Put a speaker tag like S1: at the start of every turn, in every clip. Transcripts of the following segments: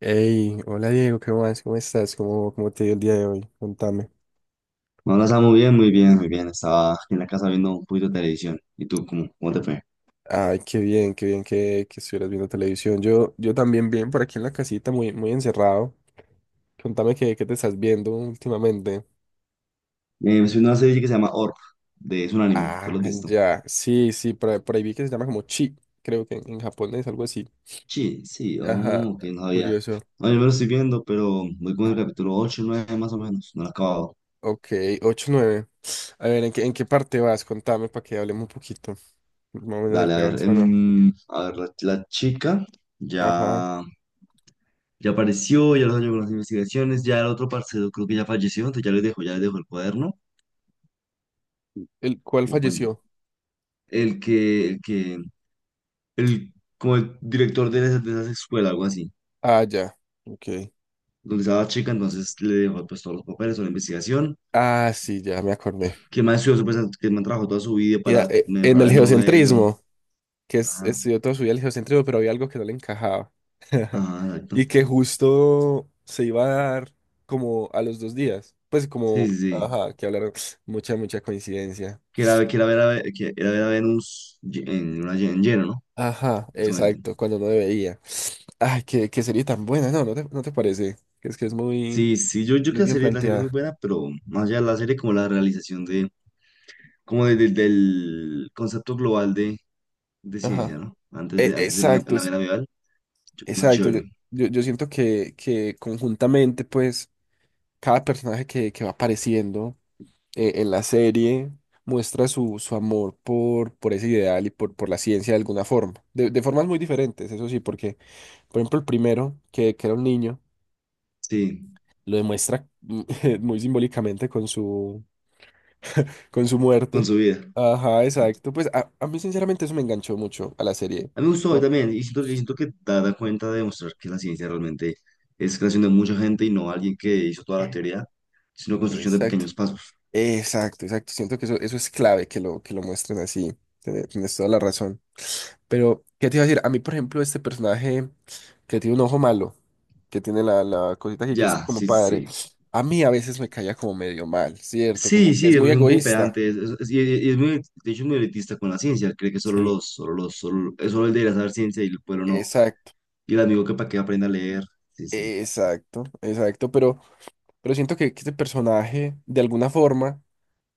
S1: Hey, hola Diego, ¿qué más? ¿Cómo estás? ¿Cómo te dio el día de hoy? Contame.
S2: No, la muy bien, muy bien, muy bien. Estaba aquí en la casa viendo un poquito de televisión. ¿Y tú, cómo te fue?
S1: Ay, qué bien, qué bien que estuvieras viendo televisión. Yo también bien por aquí en la casita, muy, muy encerrado. Contame qué te estás viendo últimamente.
S2: Me estoy una serie que se llama Orb, es un anime, ¿tú
S1: Ah,
S2: lo has visto?
S1: ya. Sí, sí, ahí por ahí vi que se llama como chi, creo que en japonés, algo así.
S2: Sí, sí,
S1: Ajá,
S2: oh, ok, no sabía.
S1: curioso.
S2: No, yo me lo estoy viendo, pero voy con el capítulo ocho nueve más o menos, no lo he acabado.
S1: Ok, 8 9. A ver, ¿en qué parte vas? Contame para que hablemos un poquito. Más o menos en
S2: Dale, a
S1: qué
S2: ver,
S1: vas, para no.
S2: a ver, la chica
S1: Ajá.
S2: ya, ya apareció, ya los años con las investigaciones, ya el otro parcero creo que ya falleció, entonces ya les dejo el cuaderno.
S1: ¿El cuál
S2: como buen-
S1: falleció?
S2: el que, el, como el director de esa escuela, algo así,
S1: Ah, ya. Ok.
S2: donde estaba la chica, entonces le dejó pues todos los papeles, toda la investigación,
S1: Ah, sí, ya me acordé.
S2: que más estudió, pues, que más trabajó toda su vida
S1: Mira,
S2: para
S1: en
S2: mejorar
S1: el
S2: el modelo,
S1: geocentrismo, que es,
S2: ajá,
S1: estudió toda su vida el geocentrismo, pero había algo que no le encajaba.
S2: ajá, exacto,
S1: Y que justo se iba a dar como a los 2 días. Pues
S2: sí,
S1: como,
S2: sí, sí,
S1: ajá, que hablaron. Mucha, mucha coincidencia.
S2: que era ver a Venus en lleno, ¿no?
S1: Ajá,
S2: Justamente.
S1: exacto, cuando no debería. Ay, qué serie tan buena, no te parece. Que es muy,
S2: Sí, sí, yo creo
S1: muy
S2: que la
S1: bien
S2: serie, la serie es muy
S1: planteada.
S2: buena, pero más allá de la serie, como la realización de del concepto global de
S1: Ajá.
S2: ciencia, ¿no? Antes de la,
S1: Exacto,
S2: la
S1: es,
S2: era medieval, yo creo
S1: exacto. Yo,
S2: chévere,
S1: yo yo siento que conjuntamente, pues. Cada personaje que va apareciendo en la serie muestra su, su amor por ese ideal y por la ciencia de alguna forma, de formas muy diferentes, eso sí, porque, por ejemplo, el primero, que era un niño,
S2: sí,
S1: lo demuestra muy simbólicamente con su
S2: con
S1: muerte.
S2: su vida.
S1: Ajá, exacto. Pues a mí sinceramente eso me enganchó mucho a la serie.
S2: A mí me gustó hoy
S1: Oh,
S2: también, y siento que da, da cuenta de demostrar que la ciencia realmente es creación de mucha gente y no alguien que hizo toda la teoría, sino construcción de
S1: exacto.
S2: pequeños pasos.
S1: Exacto, exacto. Siento que eso es clave que lo muestren así. Tienes toda la razón. Pero, ¿qué te iba a decir? A mí, por ejemplo, este personaje que tiene un ojo malo, que tiene la, la cosita aquí que es
S2: Ya,
S1: como
S2: sí, sí,
S1: padre,
S2: sí.
S1: a mí a veces me caía como medio mal, ¿cierto?
S2: Sí,
S1: Como que
S2: sí,
S1: es
S2: es
S1: muy
S2: un poco
S1: egoísta.
S2: pedante, y es muy, de hecho es muy elitista con la ciencia, cree que
S1: Sí.
S2: solo, es solo el debería saber ciencia y el pueblo no,
S1: Exacto,
S2: y el amigo que para que aprenda a leer, sí, sí.
S1: exacto, exacto. Pero siento que este personaje, de alguna forma,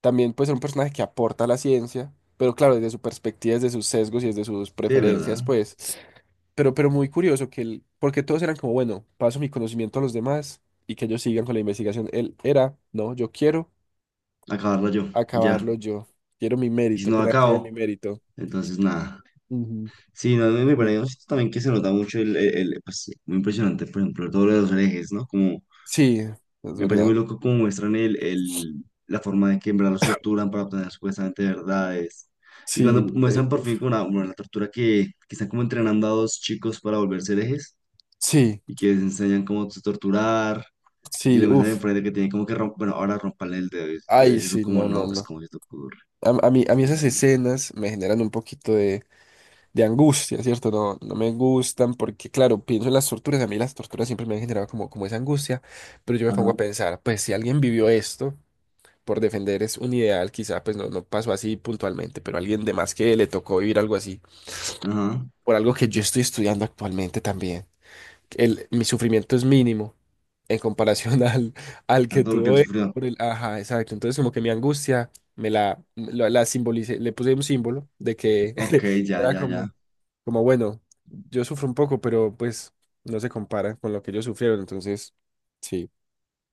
S1: también puede ser un personaje que aporta a la ciencia, pero claro, desde su perspectiva, desde sus sesgos y desde sus
S2: Sí, de
S1: preferencias,
S2: verdad.
S1: pues. Pero muy curioso que él, porque todos eran como, bueno, paso mi conocimiento a los demás y que ellos sigan con la investigación. Él era, no, yo quiero
S2: Acabarla yo, ya.
S1: acabarlo yo. Quiero mi
S2: Y si
S1: mérito,
S2: no
S1: que
S2: la
S1: nadie se lleve mi
S2: acabo,
S1: mérito.
S2: entonces nada.
S1: Ujú.
S2: Sí, no,
S1: Es
S2: me
S1: muy...
S2: parece también que se nota mucho pues, sí, muy impresionante, por ejemplo, todo lo de los herejes, ¿no? Como,
S1: Sí, es
S2: me parece muy
S1: verdad.
S2: loco cómo muestran la forma de que en verdad los torturan para obtener supuestamente verdades. Y cuando
S1: Sí,
S2: muestran por
S1: uf,
S2: fin como una, bueno, la tortura que están como entrenando a dos chicos para volverse herejes
S1: sí,
S2: y que les enseñan cómo se torturar y que
S1: sí,
S2: le muestran
S1: uff.
S2: enfrente que tienen como que romper, bueno, ahora rompan el dedo. Y
S1: Ay,
S2: ellos son
S1: sí,
S2: como,
S1: no, no,
S2: no, pues,
S1: no.
S2: ¿cómo que te ocurre?
S1: A mí, a mí esas
S2: Sí.
S1: escenas me generan un poquito de angustia, ¿cierto? No, no me gustan porque, claro, pienso en las torturas. A mí las torturas siempre me han generado como, como esa angustia, pero yo me pongo
S2: Ajá,
S1: a pensar, pues si alguien vivió esto por defender es un ideal, quizá pues no, no pasó así puntualmente, pero alguien de más que le tocó vivir algo así,
S2: ajá,
S1: por algo que yo estoy estudiando actualmente también. El, mi sufrimiento es mínimo en comparación al, al
S2: a
S1: que
S2: todo lo que él
S1: tuvo él
S2: sufrió.
S1: por el, ajá, exacto. Entonces como que mi angustia me la simbolicé, le puse un símbolo de que
S2: Ok, ya,
S1: era
S2: ya, ya.
S1: como, como bueno, yo sufro un poco, pero pues no se compara con lo que ellos sufrieron, entonces sí.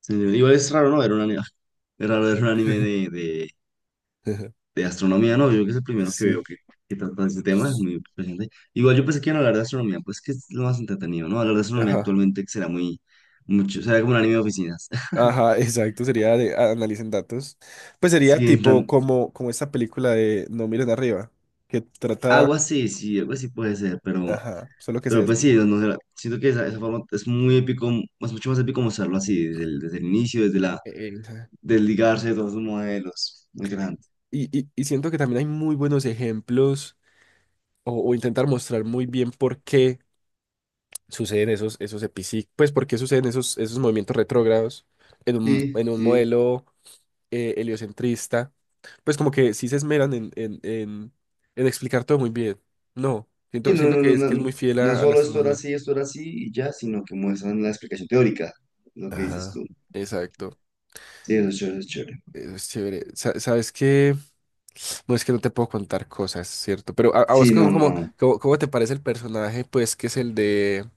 S2: Sí, igual es raro, ¿no? Ver un anime, es raro ver un anime de astronomía, ¿no? Yo creo que es el primero que veo
S1: Sí.
S2: que trata ese tema, es muy presente. Igual yo pensé que iban a hablar de astronomía, pues que es lo más entretenido, ¿no? Hablar de astronomía
S1: Ajá.
S2: actualmente será muy, mucho, será como un anime de oficinas.
S1: Ajá, exacto, sería de analicen datos. Pues sería
S2: Sí,
S1: tipo como, como esta película de No miren arriba, que trata,
S2: algo así, sí, algo así puede ser, pero,
S1: ajá, solo que se
S2: pero pues sí,
S1: desvía.
S2: no, no sé, siento que esa forma es muy épico, es mucho más épico mostrarlo así, desde el inicio, desde la,
S1: Ajá.
S2: desligarse de todos sus modelos. Muy interesante.
S1: Y siento que también hay muy buenos ejemplos o intentar mostrar muy bien por qué suceden esos, pues por qué suceden esos, esos movimientos retrógrados
S2: Sí,
S1: en un
S2: sí.
S1: modelo heliocentrista. Pues como que sí se esmeran en explicar todo muy bien. No,
S2: Y
S1: siento, siento que es muy fiel
S2: no
S1: a la
S2: solo
S1: astronomía.
S2: esto era así y ya, sino que muestran la explicación teórica, lo que dices
S1: Ajá,
S2: tú.
S1: exacto.
S2: Sí, eso es chévere, eso es chévere.
S1: Eso es chévere. ¿Sabes qué? No es que no te puedo contar cosas, ¿cierto? Pero a vos
S2: Sí, no, no.
S1: ¿cómo te parece el personaje? Pues que es el de...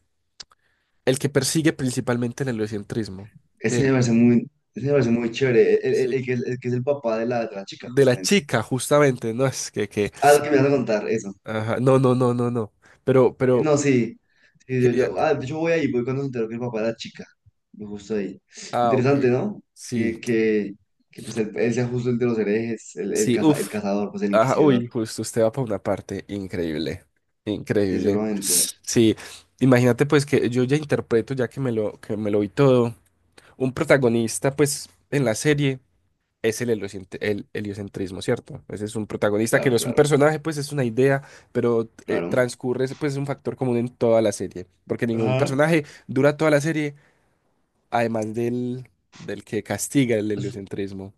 S1: El que persigue principalmente el heliocentrismo. Que,
S2: Ese me parece muy chévere.
S1: sí.
S2: El que es el papá de la chica,
S1: De la
S2: justamente.
S1: chica, justamente, ¿no? Es que...
S2: Ah, lo que me vas a contar, eso.
S1: Ajá. No, no, no, no, no. Pero...
S2: No, sí. Sí,
S1: Quería...
S2: yo voy ahí, voy cuando se enteró que el papá era chica. Yo justo ahí.
S1: Ah,
S2: Interesante,
S1: ok.
S2: ¿no?
S1: Sí.
S2: Que, que, que pues él sea justo el de los herejes,
S1: Sí,
S2: el
S1: uff.
S2: cazador, pues el
S1: Ajá,
S2: inquisidor.
S1: uy, justo usted va para una parte increíble,
S2: Sí,
S1: increíble.
S2: seguramente.
S1: Sí, imagínate pues que yo ya interpreto, ya que me lo vi todo, un protagonista pues en la serie es el, el heliocentrismo, ¿cierto? Ese es un protagonista que no
S2: Claro,
S1: es un
S2: claro,
S1: personaje, pues es una idea, pero
S2: claro.
S1: transcurre, pues es un factor común en toda la serie, porque ningún
S2: Ajá.
S1: personaje dura toda la serie, además del, del que castiga el
S2: Es-
S1: heliocentrismo.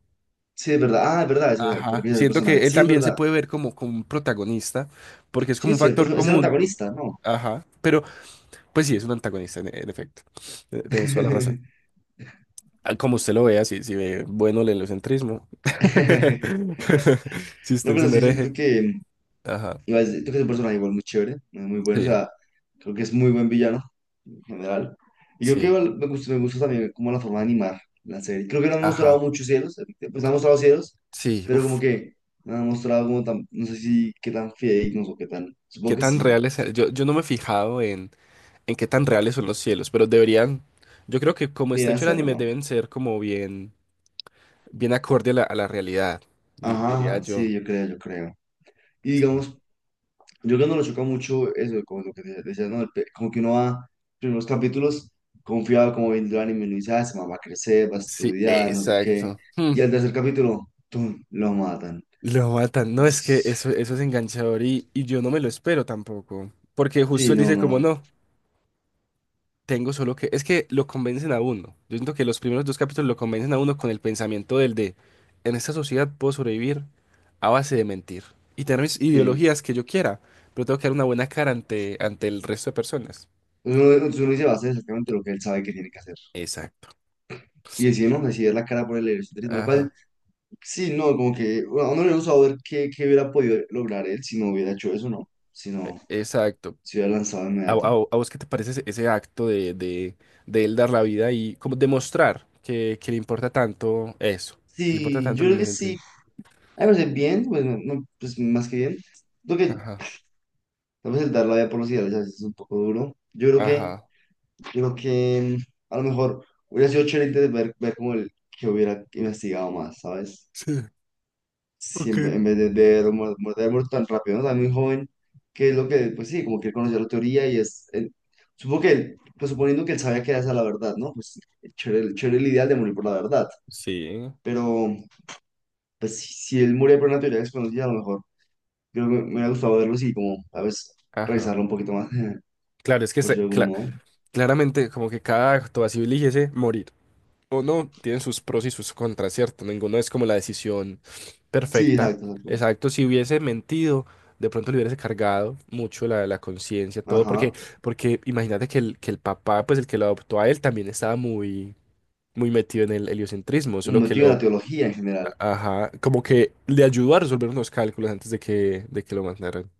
S2: sí, es verdad. Ah, es verdad, es verdad. Te
S1: Ajá,
S2: refieres al
S1: siento
S2: personaje.
S1: que él
S2: Sí, es
S1: también se
S2: verdad.
S1: puede ver como, como un protagonista, porque es
S2: Sí,
S1: como un
S2: es cierto.
S1: factor
S2: Es el
S1: común.
S2: antagonista, ¿no?
S1: Ajá, pero pues sí, es un antagonista, en efecto. Tienes toda la razón. Ah, como usted lo vea, si, si ve bueno el heliocentrismo, si
S2: No,
S1: usted es
S2: pero
S1: un
S2: sí siento
S1: hereje.
S2: que,
S1: Ajá,
S2: igual, siento que es un personaje igual muy chévere, es muy bueno, o
S1: sí,
S2: sea, creo que es muy buen villano en general. Y creo que
S1: sí,
S2: igual me gusta también como la forma de animar la serie. Creo que no han mostrado
S1: ajá,
S2: muchos cielos, pues han mostrado cielos,
S1: sí,
S2: pero como
S1: uff,
S2: que no han mostrado como tan, no sé si qué tan fidedignos o qué tan,
S1: qué
S2: supongo que
S1: tan
S2: sí,
S1: reales. Yo no me he fijado en qué tan reales son los cielos, pero deberían, yo creo que como está
S2: deberían
S1: hecho el
S2: hacerlo,
S1: anime,
S2: ¿no?
S1: deben ser como bien, bien acorde a la realidad,
S2: Ajá,
S1: diría
S2: ajá,
S1: yo.
S2: sí, yo creo, yo creo. Y
S1: Sí.
S2: digamos, yo creo que no lo choca mucho eso, como lo que te decía, ¿no? Como que uno va, primeros capítulos, confiado como viendo el anime, uno dice, ah, se va a crecer, va a
S1: Sí,
S2: estudiar, no sé qué.
S1: exacto. Hmm.
S2: Y al tercer capítulo, ¡tum!, lo matan.
S1: Lo matan. No, es que
S2: Entonces,
S1: eso es enganchador y yo no me lo espero tampoco. Porque justo
S2: sí,
S1: él
S2: no,
S1: dice como
S2: no,
S1: no, tengo solo que... Es que lo convencen a uno. Yo siento que los primeros dos capítulos lo convencen a uno con el pensamiento del de, en esta sociedad puedo sobrevivir a base de mentir y tener mis
S2: sí.
S1: ideologías que yo quiera, pero tengo que dar una buena cara ante, ante el resto de personas.
S2: Entonces uno dice, va a hacer exactamente lo que él sabe que tiene que hacer.
S1: Exacto.
S2: Y decide, ¿no? Decide la cara por el egocentrismo, lo
S1: Ajá.
S2: cual, sí, no, como que bueno, a uno le gusta ver qué, qué hubiera podido lograr él si no hubiera hecho eso, ¿no? Si no,
S1: Exacto.
S2: se hubiera lanzado de
S1: ¿A, a-
S2: inmediato.
S1: a vos qué te parece ese, ese acto de él dar la vida y como demostrar que le importa tanto eso? Que le importa
S2: Sí,
S1: tanto
S2: yo creo
S1: las
S2: que sí,
S1: entrevistas.
S2: a ver, bien, pues, no, no, pues más que bien. Creo que
S1: Ajá,
S2: tal vez el dar la vida por los ideales a veces es un poco duro.
S1: ajá.
S2: Yo creo que mm, a lo mejor hubiera sido chévere ver, ver como el que hubiera investigado más, ¿sabes?
S1: Sí,
S2: Si
S1: ok.
S2: en, ve- en vez de haber muerto tan rápido, ¿no? Tan muy joven, que es lo que, pues sí, como que él conoció la teoría y es, supongo que, él, pues suponiendo que él sabía que era esa la verdad, ¿no? Pues chévere, chévere el ideal de morir por la verdad,
S1: Sí,
S2: pero pues si, si él moría por una teoría desconocida, a lo mejor. Creo que me hubiera gustado verlos y como, a veces,
S1: ajá.
S2: revisarlo un poquito más,
S1: Claro, es que
S2: por si de algún modo.
S1: claramente como que cada acto así eligiese morir. O no, tienen sus pros y sus contras, ¿cierto? Ninguno es como la decisión
S2: Sí,
S1: perfecta.
S2: exacto, exacto.
S1: Exacto, si hubiese mentido, de pronto le hubiese cargado mucho la, la conciencia, todo, porque,
S2: Ajá.
S1: porque imagínate que el papá, pues el que lo adoptó a él, también estaba muy, muy metido en el heliocentrismo,
S2: Un
S1: solo que
S2: motivo de
S1: lo,
S2: la teología en general.
S1: ajá, como que le ayudó a resolver unos cálculos antes de que lo mandaran.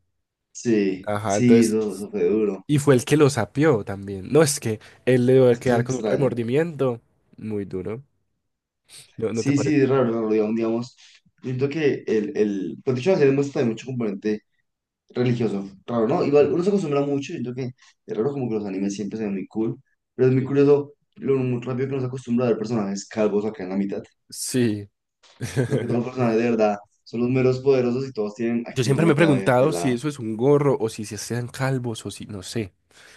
S2: Sí,
S1: Ajá,
S2: sí,
S1: entonces,
S2: eso fue duro.
S1: y fue el que lo sapió también. No, es que él le debe
S2: Es que es
S1: quedar con un
S2: extraño.
S1: remordimiento muy duro. ¿No, no te
S2: Sí, sí,
S1: parece?
S2: es raro, raro, digamos, digamos. Yo siento que pues de hecho la serie muestra también mucho componente religioso. Raro, ¿no? Igual
S1: Ujú.
S2: uno se acostumbra mucho, yo creo que es raro como que los animes siempre se ven muy cool, pero es muy curioso lo muy rápido que uno se acostumbra a ver personajes calvos acá en la mitad.
S1: Sí.
S2: Como que son personajes de verdad. Son los meros poderosos y todos tienen
S1: Yo
S2: aquí en la
S1: siempre me he
S2: mitad de
S1: preguntado si
S2: pelada.
S1: eso es un gorro o si se sean calvos o si, no sé.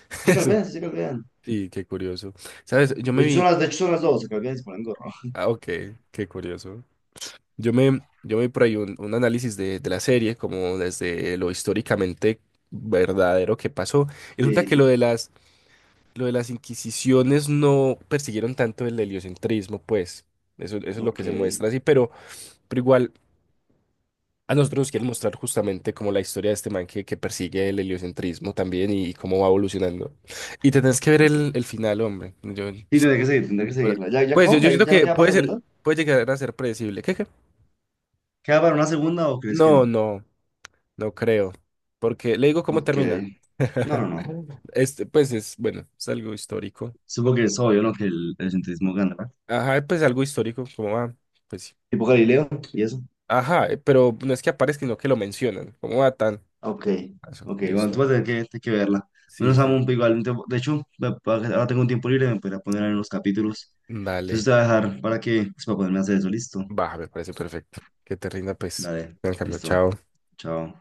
S2: Se
S1: Eso.
S2: calvean, sí se calvean.
S1: Sí, qué curioso. ¿Sabes? Yo
S2: De
S1: me
S2: hecho, son
S1: vi.
S2: las, de hecho son las dos, se calvean y se ponen gorro.
S1: Ah, ok, qué curioso. Yo me, yo me vi por ahí un análisis de la serie, como desde lo históricamente verdadero que pasó. Y resulta que
S2: Sí,
S1: lo de las inquisiciones no persiguieron tanto el heliocentrismo, pues. Eso es lo
S2: ok.
S1: que se
S2: Sí,
S1: muestra así, pero igual. A nosotros nos quieren mostrar justamente como la historia de este man que persigue el heliocentrismo también y cómo va evolucionando. Y tenés que ver el final, hombre. Yo,
S2: tendré que seguir, tendré que
S1: pues
S2: seguirla. ¿Ya, ya
S1: pues,
S2: acabó?
S1: yo
S2: ¿Ya,
S1: siento
S2: ya no
S1: que
S2: queda para
S1: puede ser,
S2: segunda?
S1: puede llegar a ser predecible. ¿Qué, qué?
S2: ¿Queda para una segunda o crees que no?
S1: No, no, no creo. Porque le digo cómo
S2: Ok.
S1: termina.
S2: No, no, no.
S1: Este, pues es, bueno, es algo histórico.
S2: Supongo que es
S1: Pues
S2: obvio, ¿no?
S1: bien.
S2: Que el egocentrismo gana, ¿verdad?
S1: Ajá, pues algo histórico, ¿cómo va, pues sí.
S2: Tipo Galileo y eso.
S1: Ajá, pero no es que aparezca, sino que lo mencionan. ¿Cómo va tan?
S2: Ok.
S1: Eso,
S2: Ok, bueno, tú
S1: listo.
S2: vas a tener que verla.
S1: Sí,
S2: Menos amo,
S1: sí,
S2: un igual. De hecho, ahora tengo un tiempo libre, me podría poner en los capítulos. Entonces
S1: dale.
S2: te voy a dejar para que, pues, para ponerme a hacer eso, listo.
S1: Va, me parece perfecto. Que te rinda, pues.
S2: Dale,
S1: En cambio,
S2: listo.
S1: chao.
S2: Chao.